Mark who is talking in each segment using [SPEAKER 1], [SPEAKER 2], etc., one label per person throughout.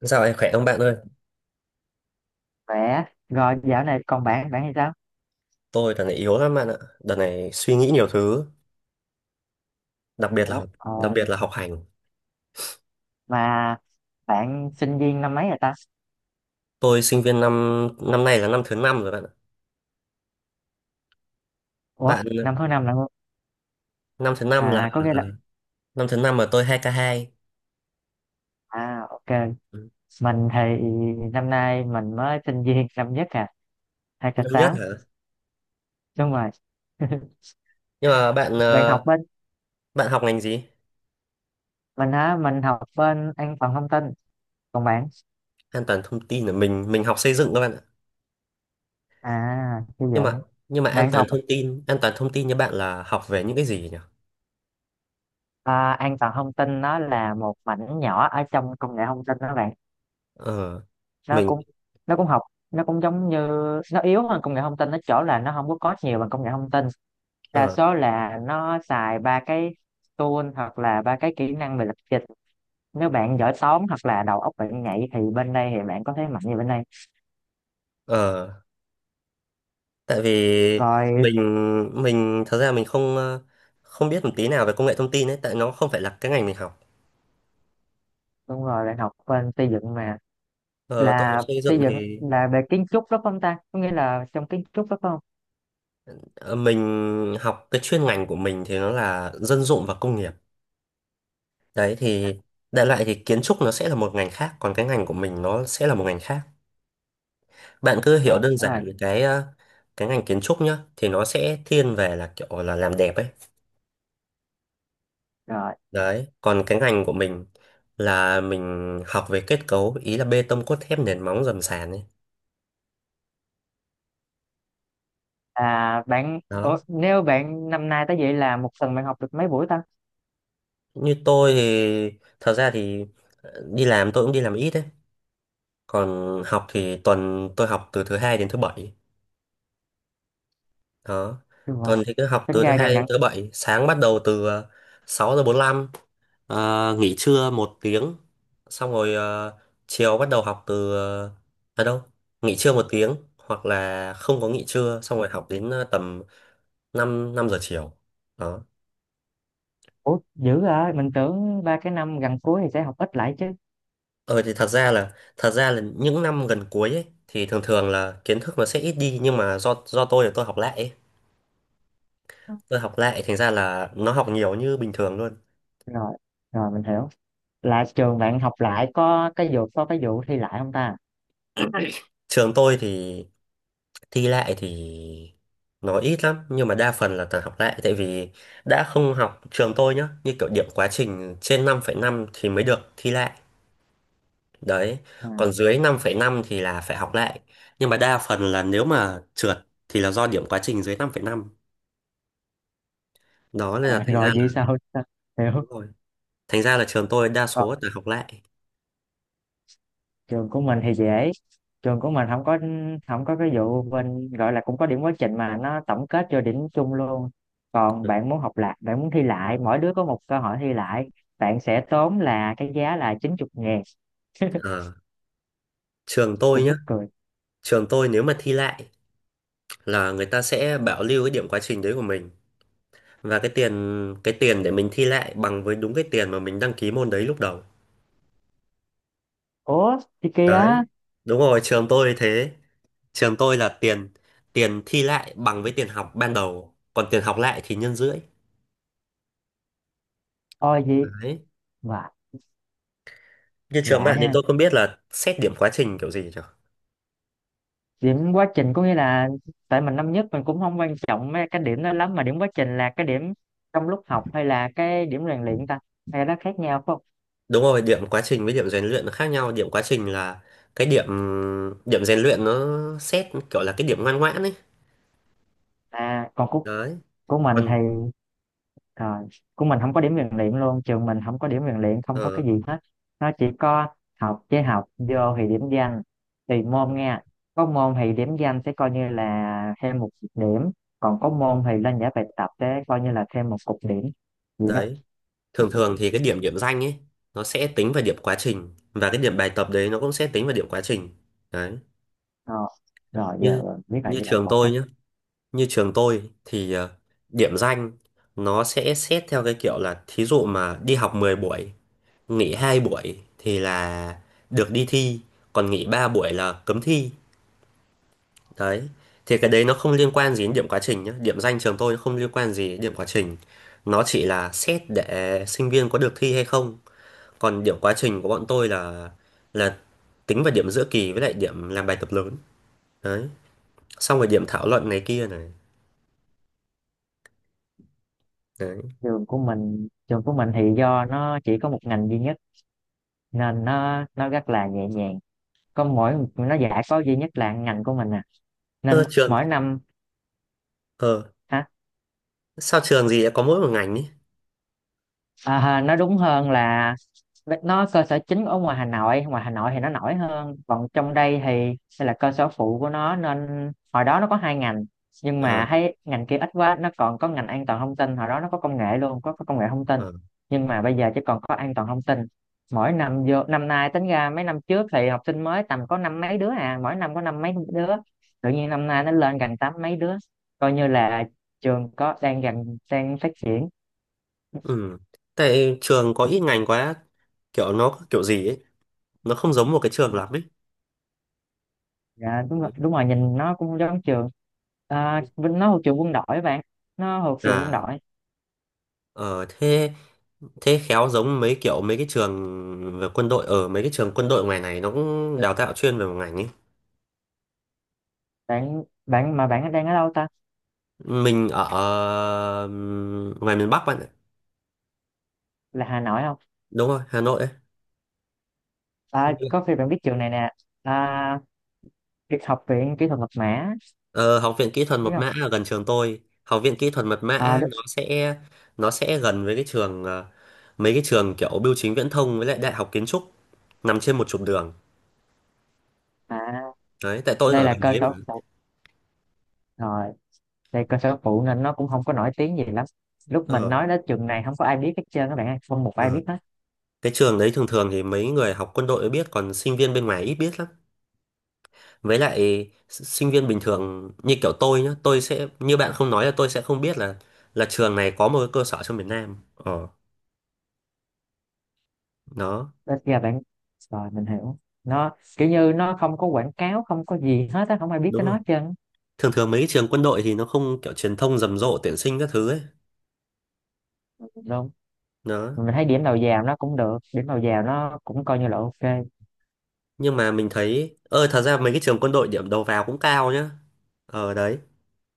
[SPEAKER 1] Dạo này khỏe không bạn ơi?
[SPEAKER 2] Khỏe. Rồi dạo này còn bạn hay sao?
[SPEAKER 1] Tôi đợt này yếu lắm bạn ạ. Đợt này suy nghĩ nhiều thứ, đặc biệt là
[SPEAKER 2] Ủa,
[SPEAKER 1] học, đặc
[SPEAKER 2] ồ,
[SPEAKER 1] biệt là học hành.
[SPEAKER 2] mà bạn sinh viên năm mấy rồi ta?
[SPEAKER 1] Tôi sinh viên năm năm nay là năm thứ năm rồi bạn ạ.
[SPEAKER 2] Ủa,
[SPEAKER 1] Bạn
[SPEAKER 2] năm thứ năm là không?
[SPEAKER 1] năm thứ năm là
[SPEAKER 2] À, có nghĩa là,
[SPEAKER 1] năm thứ năm mà tôi 2k2.
[SPEAKER 2] à, ok.
[SPEAKER 1] Ừ.
[SPEAKER 2] Mình thì năm nay mình mới sinh viên năm nhất à, hai k
[SPEAKER 1] Năm nhất
[SPEAKER 2] tám
[SPEAKER 1] hả?
[SPEAKER 2] Đúng rồi.
[SPEAKER 1] Nhưng mà bạn
[SPEAKER 2] Bạn học bên,
[SPEAKER 1] bạn học ngành gì?
[SPEAKER 2] mình hả? Mình học bên an toàn thông tin. Còn bạn?
[SPEAKER 1] An toàn thông tin là mình học xây dựng các bạn ạ.
[SPEAKER 2] À, xây
[SPEAKER 1] Nhưng mà
[SPEAKER 2] dựng.
[SPEAKER 1] nhưng mà an
[SPEAKER 2] Bạn
[SPEAKER 1] toàn
[SPEAKER 2] học
[SPEAKER 1] thông tin, an toàn thông tin như bạn là học về những cái gì nhỉ?
[SPEAKER 2] an toàn thông tin nó là một mảnh nhỏ ở trong công nghệ thông tin đó bạn.
[SPEAKER 1] Ờ
[SPEAKER 2] nó
[SPEAKER 1] mình
[SPEAKER 2] cũng nó cũng học nó cũng giống như Nó yếu hơn công nghệ thông tin nó chỗ là nó không có code nhiều bằng công nghệ thông tin, đa
[SPEAKER 1] ờ
[SPEAKER 2] số là nó xài ba cái tool hoặc là ba cái kỹ năng về lập trình. Nếu bạn giỏi toán hoặc là đầu óc bạn nhạy thì bên đây thì bạn có thế mạnh như bên đây.
[SPEAKER 1] ờ tại vì
[SPEAKER 2] Rồi,
[SPEAKER 1] mình mình thật ra mình không biết một tí nào về công nghệ thông tin ấy, tại nó không phải là cái ngành mình học.
[SPEAKER 2] đúng rồi, bạn học bên xây dựng mà.
[SPEAKER 1] Ờ, tôi học
[SPEAKER 2] Là
[SPEAKER 1] xây
[SPEAKER 2] xây
[SPEAKER 1] dựng
[SPEAKER 2] dựng
[SPEAKER 1] thì
[SPEAKER 2] là về kiến trúc đó phải không ta, có nghĩa là trong kiến trúc đó phải không?
[SPEAKER 1] ờ, mình học cái chuyên ngành của mình thì nó là dân dụng và công nghiệp. Đấy thì đại loại thì kiến trúc nó sẽ là một ngành khác, còn cái ngành của mình nó sẽ là một ngành khác. Bạn cứ
[SPEAKER 2] Rồi,
[SPEAKER 1] hiểu đơn
[SPEAKER 2] đúng rồi.
[SPEAKER 1] giản là cái ngành kiến trúc nhá thì nó sẽ thiên về là kiểu là làm đẹp ấy.
[SPEAKER 2] Rồi
[SPEAKER 1] Đấy, còn cái ngành của mình là mình học về kết cấu, ý là bê tông cốt thép, nền móng, dầm sàn ấy.
[SPEAKER 2] à
[SPEAKER 1] Đó,
[SPEAKER 2] Nếu bạn năm nay tới vậy là một tuần bạn học được mấy buổi ta,
[SPEAKER 1] như tôi thì thật ra thì đi làm tôi cũng đi làm ít đấy, còn học thì tuần tôi học từ thứ hai đến thứ bảy. Đó,
[SPEAKER 2] đúng không?
[SPEAKER 1] tuần thì cứ học
[SPEAKER 2] Tính
[SPEAKER 1] từ thứ
[SPEAKER 2] ra
[SPEAKER 1] hai
[SPEAKER 2] gần
[SPEAKER 1] đến
[SPEAKER 2] gần.
[SPEAKER 1] thứ bảy, sáng bắt đầu từ 6 giờ 45. Nghỉ trưa một tiếng xong rồi chiều bắt đầu học từ ờ, à đâu nghỉ trưa một tiếng hoặc là không có nghỉ trưa, xong rồi học đến tầm 5 5 giờ chiều. Đó.
[SPEAKER 2] Ủa, dữ rồi, mình tưởng ba cái năm gần cuối thì sẽ học ít lại chứ.
[SPEAKER 1] Ờ thì thật ra là những năm gần cuối ấy thì thường thường là kiến thức nó sẽ ít đi, nhưng mà do tôi là tôi học lại ấy. Tôi học lại thành ra là nó học nhiều như bình thường luôn.
[SPEAKER 2] Rồi, rồi mình hiểu. Là trường bạn học lại có cái vụ thi lại không ta?
[SPEAKER 1] Trường tôi thì thi lại thì nó ít lắm, nhưng mà đa phần là toàn học lại, tại vì đã không học trường tôi nhá, như kiểu điểm quá trình trên 5,5 thì mới được thi lại. Đấy,
[SPEAKER 2] À.
[SPEAKER 1] còn dưới 5,5 thì là phải học lại. Nhưng mà đa phần là nếu mà trượt thì là do điểm quá trình dưới 5,5. Đó nên
[SPEAKER 2] À,
[SPEAKER 1] là thành ra
[SPEAKER 2] rồi
[SPEAKER 1] là
[SPEAKER 2] vậy sao?
[SPEAKER 1] đúng
[SPEAKER 2] Hiểu.
[SPEAKER 1] rồi, thành ra là trường tôi đa
[SPEAKER 2] Còn
[SPEAKER 1] số là học lại.
[SPEAKER 2] trường của mình thì dễ. Trường của mình không có, không có cái vụ bên gọi là cũng có điểm quá trình mà nó tổng kết cho điểm chung luôn. Còn
[SPEAKER 1] Ừ.
[SPEAKER 2] bạn muốn học lại, bạn muốn thi lại, mỗi đứa có một cơ hội thi lại, bạn sẽ tốn là cái giá là 90.000,
[SPEAKER 1] Ờ, trường tôi
[SPEAKER 2] cũng
[SPEAKER 1] nhá,
[SPEAKER 2] mắc cười.
[SPEAKER 1] trường tôi nếu mà thi lại là người ta sẽ bảo lưu cái điểm quá trình đấy của mình, và cái tiền để mình thi lại bằng với đúng cái tiền mà mình đăng ký môn đấy lúc đầu.
[SPEAKER 2] Ủa, thì kia
[SPEAKER 1] Đấy.
[SPEAKER 2] á,
[SPEAKER 1] Đúng rồi, trường tôi thế. Trường tôi là tiền tiền thi lại bằng với tiền học ban đầu, còn tiền học lại thì nhân rưỡi.
[SPEAKER 2] ôi gì?
[SPEAKER 1] Đấy.
[SPEAKER 2] Mà
[SPEAKER 1] Như trường
[SPEAKER 2] lạ
[SPEAKER 1] bạn thì
[SPEAKER 2] ha.
[SPEAKER 1] tôi không biết là xét điểm quá trình kiểu gì nhỉ?
[SPEAKER 2] Điểm quá trình có nghĩa là, tại mình năm nhất mình cũng không quan trọng mấy cái điểm đó lắm, mà điểm quá trình là cái điểm trong lúc học hay là cái điểm rèn luyện ta, hay nó khác nhau phải không?
[SPEAKER 1] Đúng rồi, điểm quá trình với điểm rèn luyện nó khác nhau. Điểm quá trình là cái điểm điểm rèn luyện nó xét kiểu là cái điểm ngoan ngoãn ấy.
[SPEAKER 2] À, còn của
[SPEAKER 1] Đấy.
[SPEAKER 2] của mình
[SPEAKER 1] Còn
[SPEAKER 2] thì rồi, của mình không có điểm rèn luyện luôn, trường mình không có điểm rèn luyện, không có
[SPEAKER 1] ờ,
[SPEAKER 2] cái gì hết. Nó chỉ có học, với học vô thì điểm danh, tùy môn nha. Có môn thì điểm danh sẽ coi như là thêm một điểm, còn có môn thì lên giải bài tập sẽ coi như là thêm một cục điểm, vậy đó.
[SPEAKER 1] đấy, thường thường thì cái điểm điểm danh ấy nó sẽ tính vào điểm quá trình, và cái điểm bài tập đấy nó cũng sẽ tính vào điểm quá trình. Đấy.
[SPEAKER 2] Ờ, rồi
[SPEAKER 1] Như
[SPEAKER 2] giờ biết là
[SPEAKER 1] như
[SPEAKER 2] với lại
[SPEAKER 1] trường
[SPEAKER 2] cột đó.
[SPEAKER 1] tôi nhá, như trường tôi thì điểm danh nó sẽ xét theo cái kiểu là thí dụ mà đi học 10 buổi, nghỉ 2 buổi thì là được đi thi, còn nghỉ 3 buổi là cấm thi. Đấy. Thì cái đấy nó không liên quan gì đến điểm quá trình nhé. Điểm danh trường tôi nó không liên quan gì đến điểm quá trình. Nó chỉ là xét để sinh viên có được thi hay không. Còn điểm quá trình của bọn tôi là là tính vào điểm giữa kỳ với lại điểm làm bài tập lớn. Đấy. Xong rồi điểm thảo luận này kia này. Đấy.
[SPEAKER 2] Trường của mình thì do nó chỉ có một ngành duy nhất nên nó rất là nhẹ nhàng, có mỗi nó giải có duy nhất là ngành của mình à, nên
[SPEAKER 1] Ờ, trường
[SPEAKER 2] mỗi năm.
[SPEAKER 1] ờ sao trường gì lại có mỗi một ngành ấy?
[SPEAKER 2] À, ha, nó đúng hơn là nó cơ sở chính ở ngoài Hà Nội thì nó nổi hơn, còn trong đây thì đây là cơ sở phụ của nó, nên hồi đó nó có hai ngành. Nhưng
[SPEAKER 1] Ờ
[SPEAKER 2] mà thấy ngành kia ít quá, nó còn có ngành an toàn thông tin, hồi đó nó có công nghệ luôn, có công nghệ thông tin,
[SPEAKER 1] ờ
[SPEAKER 2] nhưng mà bây giờ chỉ còn có an toàn thông tin. Mỗi năm vô năm nay tính ra mấy năm trước thì học sinh mới tầm có năm mấy đứa à, mỗi năm có năm mấy đứa, tự nhiên năm nay nó lên gần tám mấy đứa, coi như là trường có đang gần đang phát triển.
[SPEAKER 1] ừ. Tại trường có ít ngành quá, kiểu nó kiểu gì ấy, nó không giống một cái trường lắm ấy.
[SPEAKER 2] Dạ đúng rồi,
[SPEAKER 1] Đấy.
[SPEAKER 2] đúng rồi, nhìn nó cũng giống trường. À, Vinh nó thuộc trường quân đội bạn, nó thuộc trường quân
[SPEAKER 1] À
[SPEAKER 2] đội.
[SPEAKER 1] ờ thế thế khéo giống mấy kiểu mấy cái trường về quân đội, ở mấy cái trường quân đội ngoài này nó cũng đào tạo chuyên về một ngành ấy.
[SPEAKER 2] Bạn bạn mà bạn đang ở đâu ta,
[SPEAKER 1] Mình ở ngoài miền Bắc bạn ạ.
[SPEAKER 2] là Hà Nội không?
[SPEAKER 1] Đúng rồi Hà Nội ấy.
[SPEAKER 2] À, có khi bạn biết trường này nè. À, Kỹ- học viện kỹ thuật mật mã,
[SPEAKER 1] Ờ, Học viện Kỹ thuật Mật
[SPEAKER 2] biết không?
[SPEAKER 1] mã ở gần trường tôi. Học viện Kỹ thuật Mật
[SPEAKER 2] À,
[SPEAKER 1] mã
[SPEAKER 2] đúng.
[SPEAKER 1] nó sẽ gần với mấy cái trường kiểu Bưu chính Viễn thông với lại Đại học Kiến trúc, nằm trên một trục đường.
[SPEAKER 2] À,
[SPEAKER 1] Đấy, tại tôi
[SPEAKER 2] đây
[SPEAKER 1] ở
[SPEAKER 2] là
[SPEAKER 1] gần
[SPEAKER 2] cơ
[SPEAKER 1] đấy mà.
[SPEAKER 2] sở phụ, rồi đây cơ sở phụ nên nó cũng không có nổi tiếng gì lắm. Lúc mình
[SPEAKER 1] ờ,
[SPEAKER 2] nói đến trường này không có ai biết hết trơn các bạn ơi, không một
[SPEAKER 1] ờ.
[SPEAKER 2] ai biết hết.
[SPEAKER 1] Cái trường đấy thường thường thì mấy người học quân đội mới biết, còn sinh viên bên ngoài ít biết lắm. Với lại sinh viên bình thường như kiểu tôi nhá, tôi sẽ như bạn không nói là tôi sẽ không biết là trường này có một cái cơ sở trong miền Nam. Ờ, đó,
[SPEAKER 2] Đến giờ bạn, rồi mình hiểu. Nó kiểu như nó không có quảng cáo, không có gì hết á, không ai biết
[SPEAKER 1] đúng
[SPEAKER 2] cái nó
[SPEAKER 1] rồi.
[SPEAKER 2] hết trơn.
[SPEAKER 1] Thường thường mấy cái trường quân đội thì nó không kiểu truyền thông rầm rộ tuyển sinh các thứ ấy.
[SPEAKER 2] Đúng.
[SPEAKER 1] Đó.
[SPEAKER 2] Mình thấy điểm đầu vào nó cũng được, điểm đầu vào nó cũng coi như là ok.
[SPEAKER 1] Nhưng mà mình thấy ơ thật ra mấy cái trường quân đội điểm đầu vào cũng cao nhá. Ờ đấy.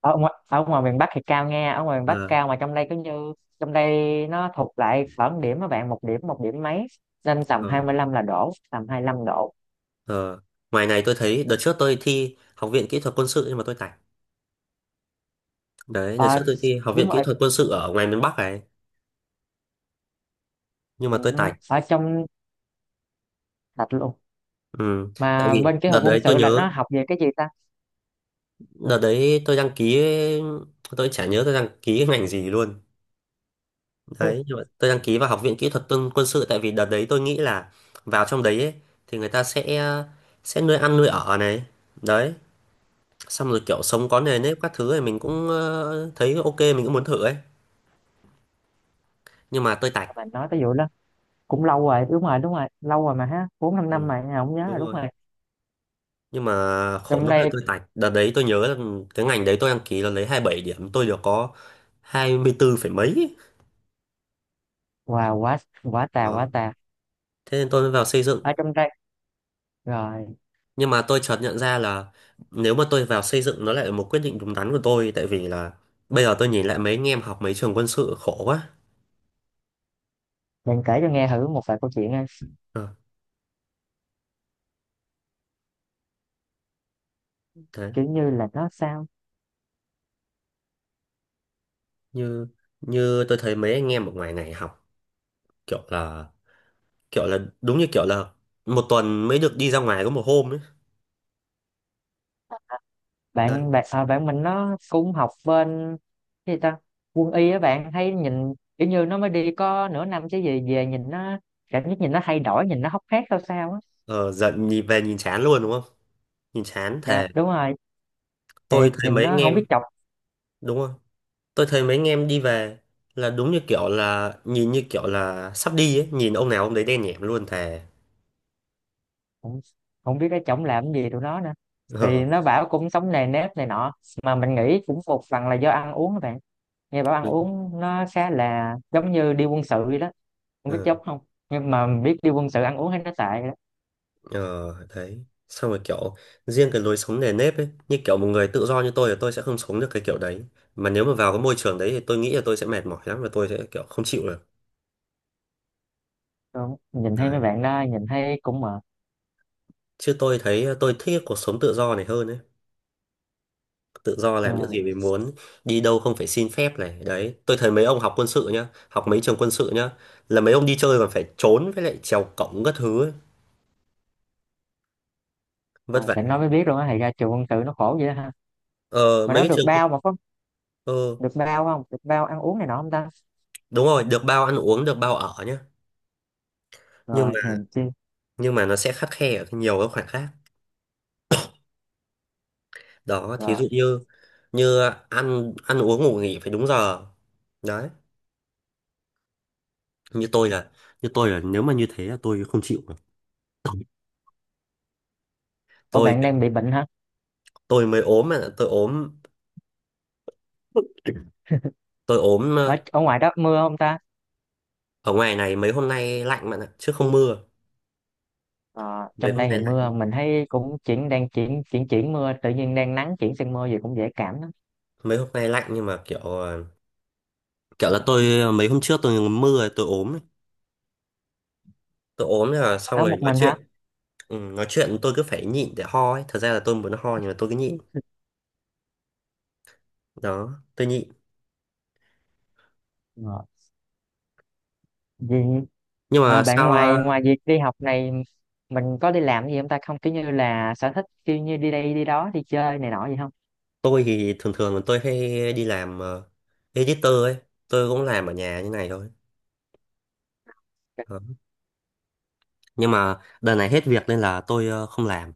[SPEAKER 2] Ở ngoài miền Bắc thì cao, nghe ở ngoài miền Bắc
[SPEAKER 1] Ờ,
[SPEAKER 2] cao, mà trong đây cứ như, trong đây nó thuộc lại khoảng điểm các bạn một điểm mấy, nên tầm
[SPEAKER 1] ờ,
[SPEAKER 2] 25 là đổ tầm 25 độ.
[SPEAKER 1] ờ. Ngoài này tôi thấy đợt trước tôi thi Học viện Kỹ thuật Quân sự nhưng mà tôi tạch. Đấy, đợt trước
[SPEAKER 2] Ờ,
[SPEAKER 1] tôi thi Học
[SPEAKER 2] đúng
[SPEAKER 1] viện Kỹ
[SPEAKER 2] rồi,
[SPEAKER 1] thuật Quân sự ở ngoài miền Bắc này nhưng mà
[SPEAKER 2] ừ,
[SPEAKER 1] tôi tạch.
[SPEAKER 2] ở trong, thật luôn,
[SPEAKER 1] Ừ. Tại
[SPEAKER 2] mà
[SPEAKER 1] vì
[SPEAKER 2] bên cái
[SPEAKER 1] đợt
[SPEAKER 2] học quân
[SPEAKER 1] đấy tôi
[SPEAKER 2] sự là
[SPEAKER 1] nhớ
[SPEAKER 2] nó học về cái gì ta?
[SPEAKER 1] đợt đấy tôi đăng ký, tôi chả nhớ tôi đăng ký cái ngành gì luôn. Đấy, nhưng mà tôi đăng ký vào Học viện Kỹ thuật Quân quân sự tại vì đợt đấy tôi nghĩ là vào trong đấy ấy thì người ta sẽ nuôi ăn nuôi ở này. Đấy, xong rồi kiểu sống có nề nếp các thứ này mình cũng thấy ok, mình cũng muốn thử ấy. Nhưng mà tôi tạch.
[SPEAKER 2] Mình nói tới vụ đó cũng lâu rồi, đúng rồi, đúng rồi, lâu rồi mà ha, bốn năm năm
[SPEAKER 1] Ừ,
[SPEAKER 2] mà không nhớ
[SPEAKER 1] đúng
[SPEAKER 2] rồi, đúng
[SPEAKER 1] rồi.
[SPEAKER 2] rồi.
[SPEAKER 1] Nhưng mà khổ
[SPEAKER 2] Trong
[SPEAKER 1] nỗi là
[SPEAKER 2] đây,
[SPEAKER 1] tôi tạch. Đợt đấy tôi nhớ là cái ngành đấy tôi đăng ký là lấy 27 điểm, tôi được có 24 phẩy mấy.
[SPEAKER 2] wow quá, quả tà quả
[SPEAKER 1] Đó.
[SPEAKER 2] tà.
[SPEAKER 1] Thế nên tôi mới vào xây
[SPEAKER 2] Ở
[SPEAKER 1] dựng.
[SPEAKER 2] trong đây. Rồi
[SPEAKER 1] Nhưng mà tôi chợt nhận ra là nếu mà tôi vào xây dựng nó lại là một quyết định đúng đắn của tôi, tại vì là bây giờ tôi nhìn lại mấy anh em học mấy trường quân sự khổ quá.
[SPEAKER 2] bạn kể cho nghe thử một vài câu chuyện nha.
[SPEAKER 1] Ờ, thế
[SPEAKER 2] Kiểu như là nó sao?
[SPEAKER 1] như như tôi thấy mấy anh em ở ngoài này học kiểu là đúng như kiểu là một tuần mới được đi ra ngoài có một hôm ấy. Đấy.
[SPEAKER 2] Bạn bạn à, bạn mình nó cũng học bên cái gì ta? Quân y á bạn, thấy nhìn kiểu như nó mới đi có nửa năm chứ gì, về nhìn nó, cảm giác nhìn nó thay đổi, nhìn nó hốc hác sao sao á.
[SPEAKER 1] Ờ, giận nhìn về nhìn chán luôn đúng không? Nhìn chán
[SPEAKER 2] Dạ,
[SPEAKER 1] thề.
[SPEAKER 2] đúng rồi. Thì
[SPEAKER 1] Tôi thấy
[SPEAKER 2] nhìn
[SPEAKER 1] mấy
[SPEAKER 2] nó
[SPEAKER 1] anh
[SPEAKER 2] không biết
[SPEAKER 1] em
[SPEAKER 2] chọc
[SPEAKER 1] đúng không? Tôi thấy mấy anh em đi về là đúng như kiểu là nhìn như kiểu là sắp đi ấy, nhìn ông nào ông đấy đen nhẻm luôn thề.
[SPEAKER 2] không, không biết cái chổng làm gì tụi nó nữa. Thì nó bảo cũng sống nề nếp này nọ, mà mình nghĩ cũng một phần là do ăn uống các bạn. Nghe bảo ăn
[SPEAKER 1] đúng
[SPEAKER 2] uống nó khá là giống như đi quân sự vậy đó, không biết
[SPEAKER 1] ờ
[SPEAKER 2] dốc không, nhưng mà biết đi quân sự ăn uống thấy nó tệ đó.
[SPEAKER 1] ờ, đấy xong rồi kiểu riêng cái lối sống nề nếp ấy, như kiểu một người tự do như tôi thì tôi sẽ không sống được cái kiểu đấy, mà nếu mà vào cái môi trường đấy thì tôi nghĩ là tôi sẽ mệt mỏi lắm và tôi sẽ kiểu không chịu được.
[SPEAKER 2] Đúng. Nhìn thấy mấy
[SPEAKER 1] Đấy,
[SPEAKER 2] bạn đó nhìn thấy cũng mệt.
[SPEAKER 1] chứ tôi thấy tôi thích cái cuộc sống tự do này hơn ấy, tự do làm những
[SPEAKER 2] Nhưng
[SPEAKER 1] gì mình muốn, đi đâu không phải xin phép này. Đấy, tôi thấy mấy ông học quân sự nhá, học mấy trường quân sự nhá là mấy ông đi chơi còn phải trốn với lại trèo cổng các thứ ấy.
[SPEAKER 2] mà
[SPEAKER 1] Vất vả.
[SPEAKER 2] sẽ nói mới biết luôn á, thì ra trường quân sự nó khổ vậy đó ha.
[SPEAKER 1] Ờ
[SPEAKER 2] Mà
[SPEAKER 1] mấy
[SPEAKER 2] nó
[SPEAKER 1] cái
[SPEAKER 2] được
[SPEAKER 1] trường quân
[SPEAKER 2] bao, mà có
[SPEAKER 1] ờ
[SPEAKER 2] được bao không, được bao ăn uống này nọ không ta?
[SPEAKER 1] đúng rồi, được bao ăn uống, được bao ở nhá, nhưng
[SPEAKER 2] Rồi hèn chi.
[SPEAKER 1] nhưng mà nó sẽ khắt khe ở nhiều các khoản khác. Đó thí
[SPEAKER 2] Rồi.
[SPEAKER 1] dụ như như ăn ăn uống ngủ nghỉ phải đúng giờ. Đấy, như tôi là như tôi là nếu mà như thế là tôi không chịu được.
[SPEAKER 2] Ủa
[SPEAKER 1] tôi
[SPEAKER 2] bạn đang bị bệnh hả?
[SPEAKER 1] tôi mới ốm mà tôi ốm, tôi ốm
[SPEAKER 2] ở,
[SPEAKER 1] ờ,
[SPEAKER 2] ở ngoài đó mưa không ta?
[SPEAKER 1] ở ngoài này mấy hôm nay lạnh bạn ạ chứ không mưa.
[SPEAKER 2] Ờ,
[SPEAKER 1] Mấy
[SPEAKER 2] trong
[SPEAKER 1] hôm
[SPEAKER 2] đây
[SPEAKER 1] nay
[SPEAKER 2] thì
[SPEAKER 1] lạnh,
[SPEAKER 2] mưa, mình thấy cũng chuyển, đang chuyển chuyển chuyển mưa, tự nhiên đang nắng chuyển sang mưa gì cũng dễ cảm lắm.
[SPEAKER 1] mấy hôm nay lạnh nhưng mà kiểu kiểu là mấy hôm trước tôi mưa rồi tôi ốm ấy. Tôi ốm là xong
[SPEAKER 2] Ở
[SPEAKER 1] rồi
[SPEAKER 2] một
[SPEAKER 1] nói
[SPEAKER 2] mình hả?
[SPEAKER 1] chuyện, ừ, nói chuyện tôi cứ phải nhịn để ho ấy, thật ra là tôi muốn ho nhưng mà tôi cứ nhịn.
[SPEAKER 2] Ừ.
[SPEAKER 1] Đó tôi nhịn.
[SPEAKER 2] Rồi. Gì?
[SPEAKER 1] Nhưng
[SPEAKER 2] À,
[SPEAKER 1] mà
[SPEAKER 2] bạn
[SPEAKER 1] sao
[SPEAKER 2] ngoài ngoài việc đi học này, mình có đi làm gì không ta, không kiểu như là sở thích, kiểu như đi đây đi đó đi chơi này nọ gì không?
[SPEAKER 1] tôi thì thường thường tôi hay đi làm editor ấy, tôi cũng làm ở nhà như này thôi. Đó. Nhưng mà đợt này hết việc nên là tôi không làm.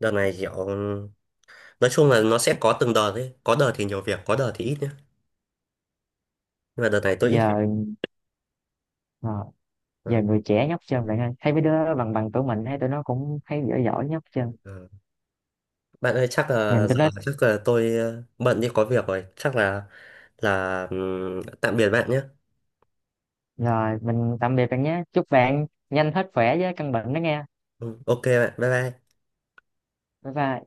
[SPEAKER 1] Đợt này kiểu nói chung là nó sẽ có từng đợt ấy, có đợt thì nhiều việc, có đợt thì ít nhá. Nhưng mà đợt này tôi ít việc.
[SPEAKER 2] Giờ, ờ, giờ
[SPEAKER 1] Đấy.
[SPEAKER 2] người trẻ nhóc chân bạn ơi, thấy mấy đứa bằng bằng tuổi mình, thấy tụi nó cũng thấy giỏi giỏi nhóc chân.
[SPEAKER 1] Ờ. Bạn ơi chắc là
[SPEAKER 2] Nhìn tụi nó.
[SPEAKER 1] giờ chắc là tôi bận đi có việc rồi, chắc là tạm biệt bạn nhé.
[SPEAKER 2] Rồi mình tạm biệt bạn nhé, chúc bạn nhanh hết khỏe với căn bệnh đó nghe.
[SPEAKER 1] Ừ, ok bạn, bye bye.
[SPEAKER 2] Bye bye.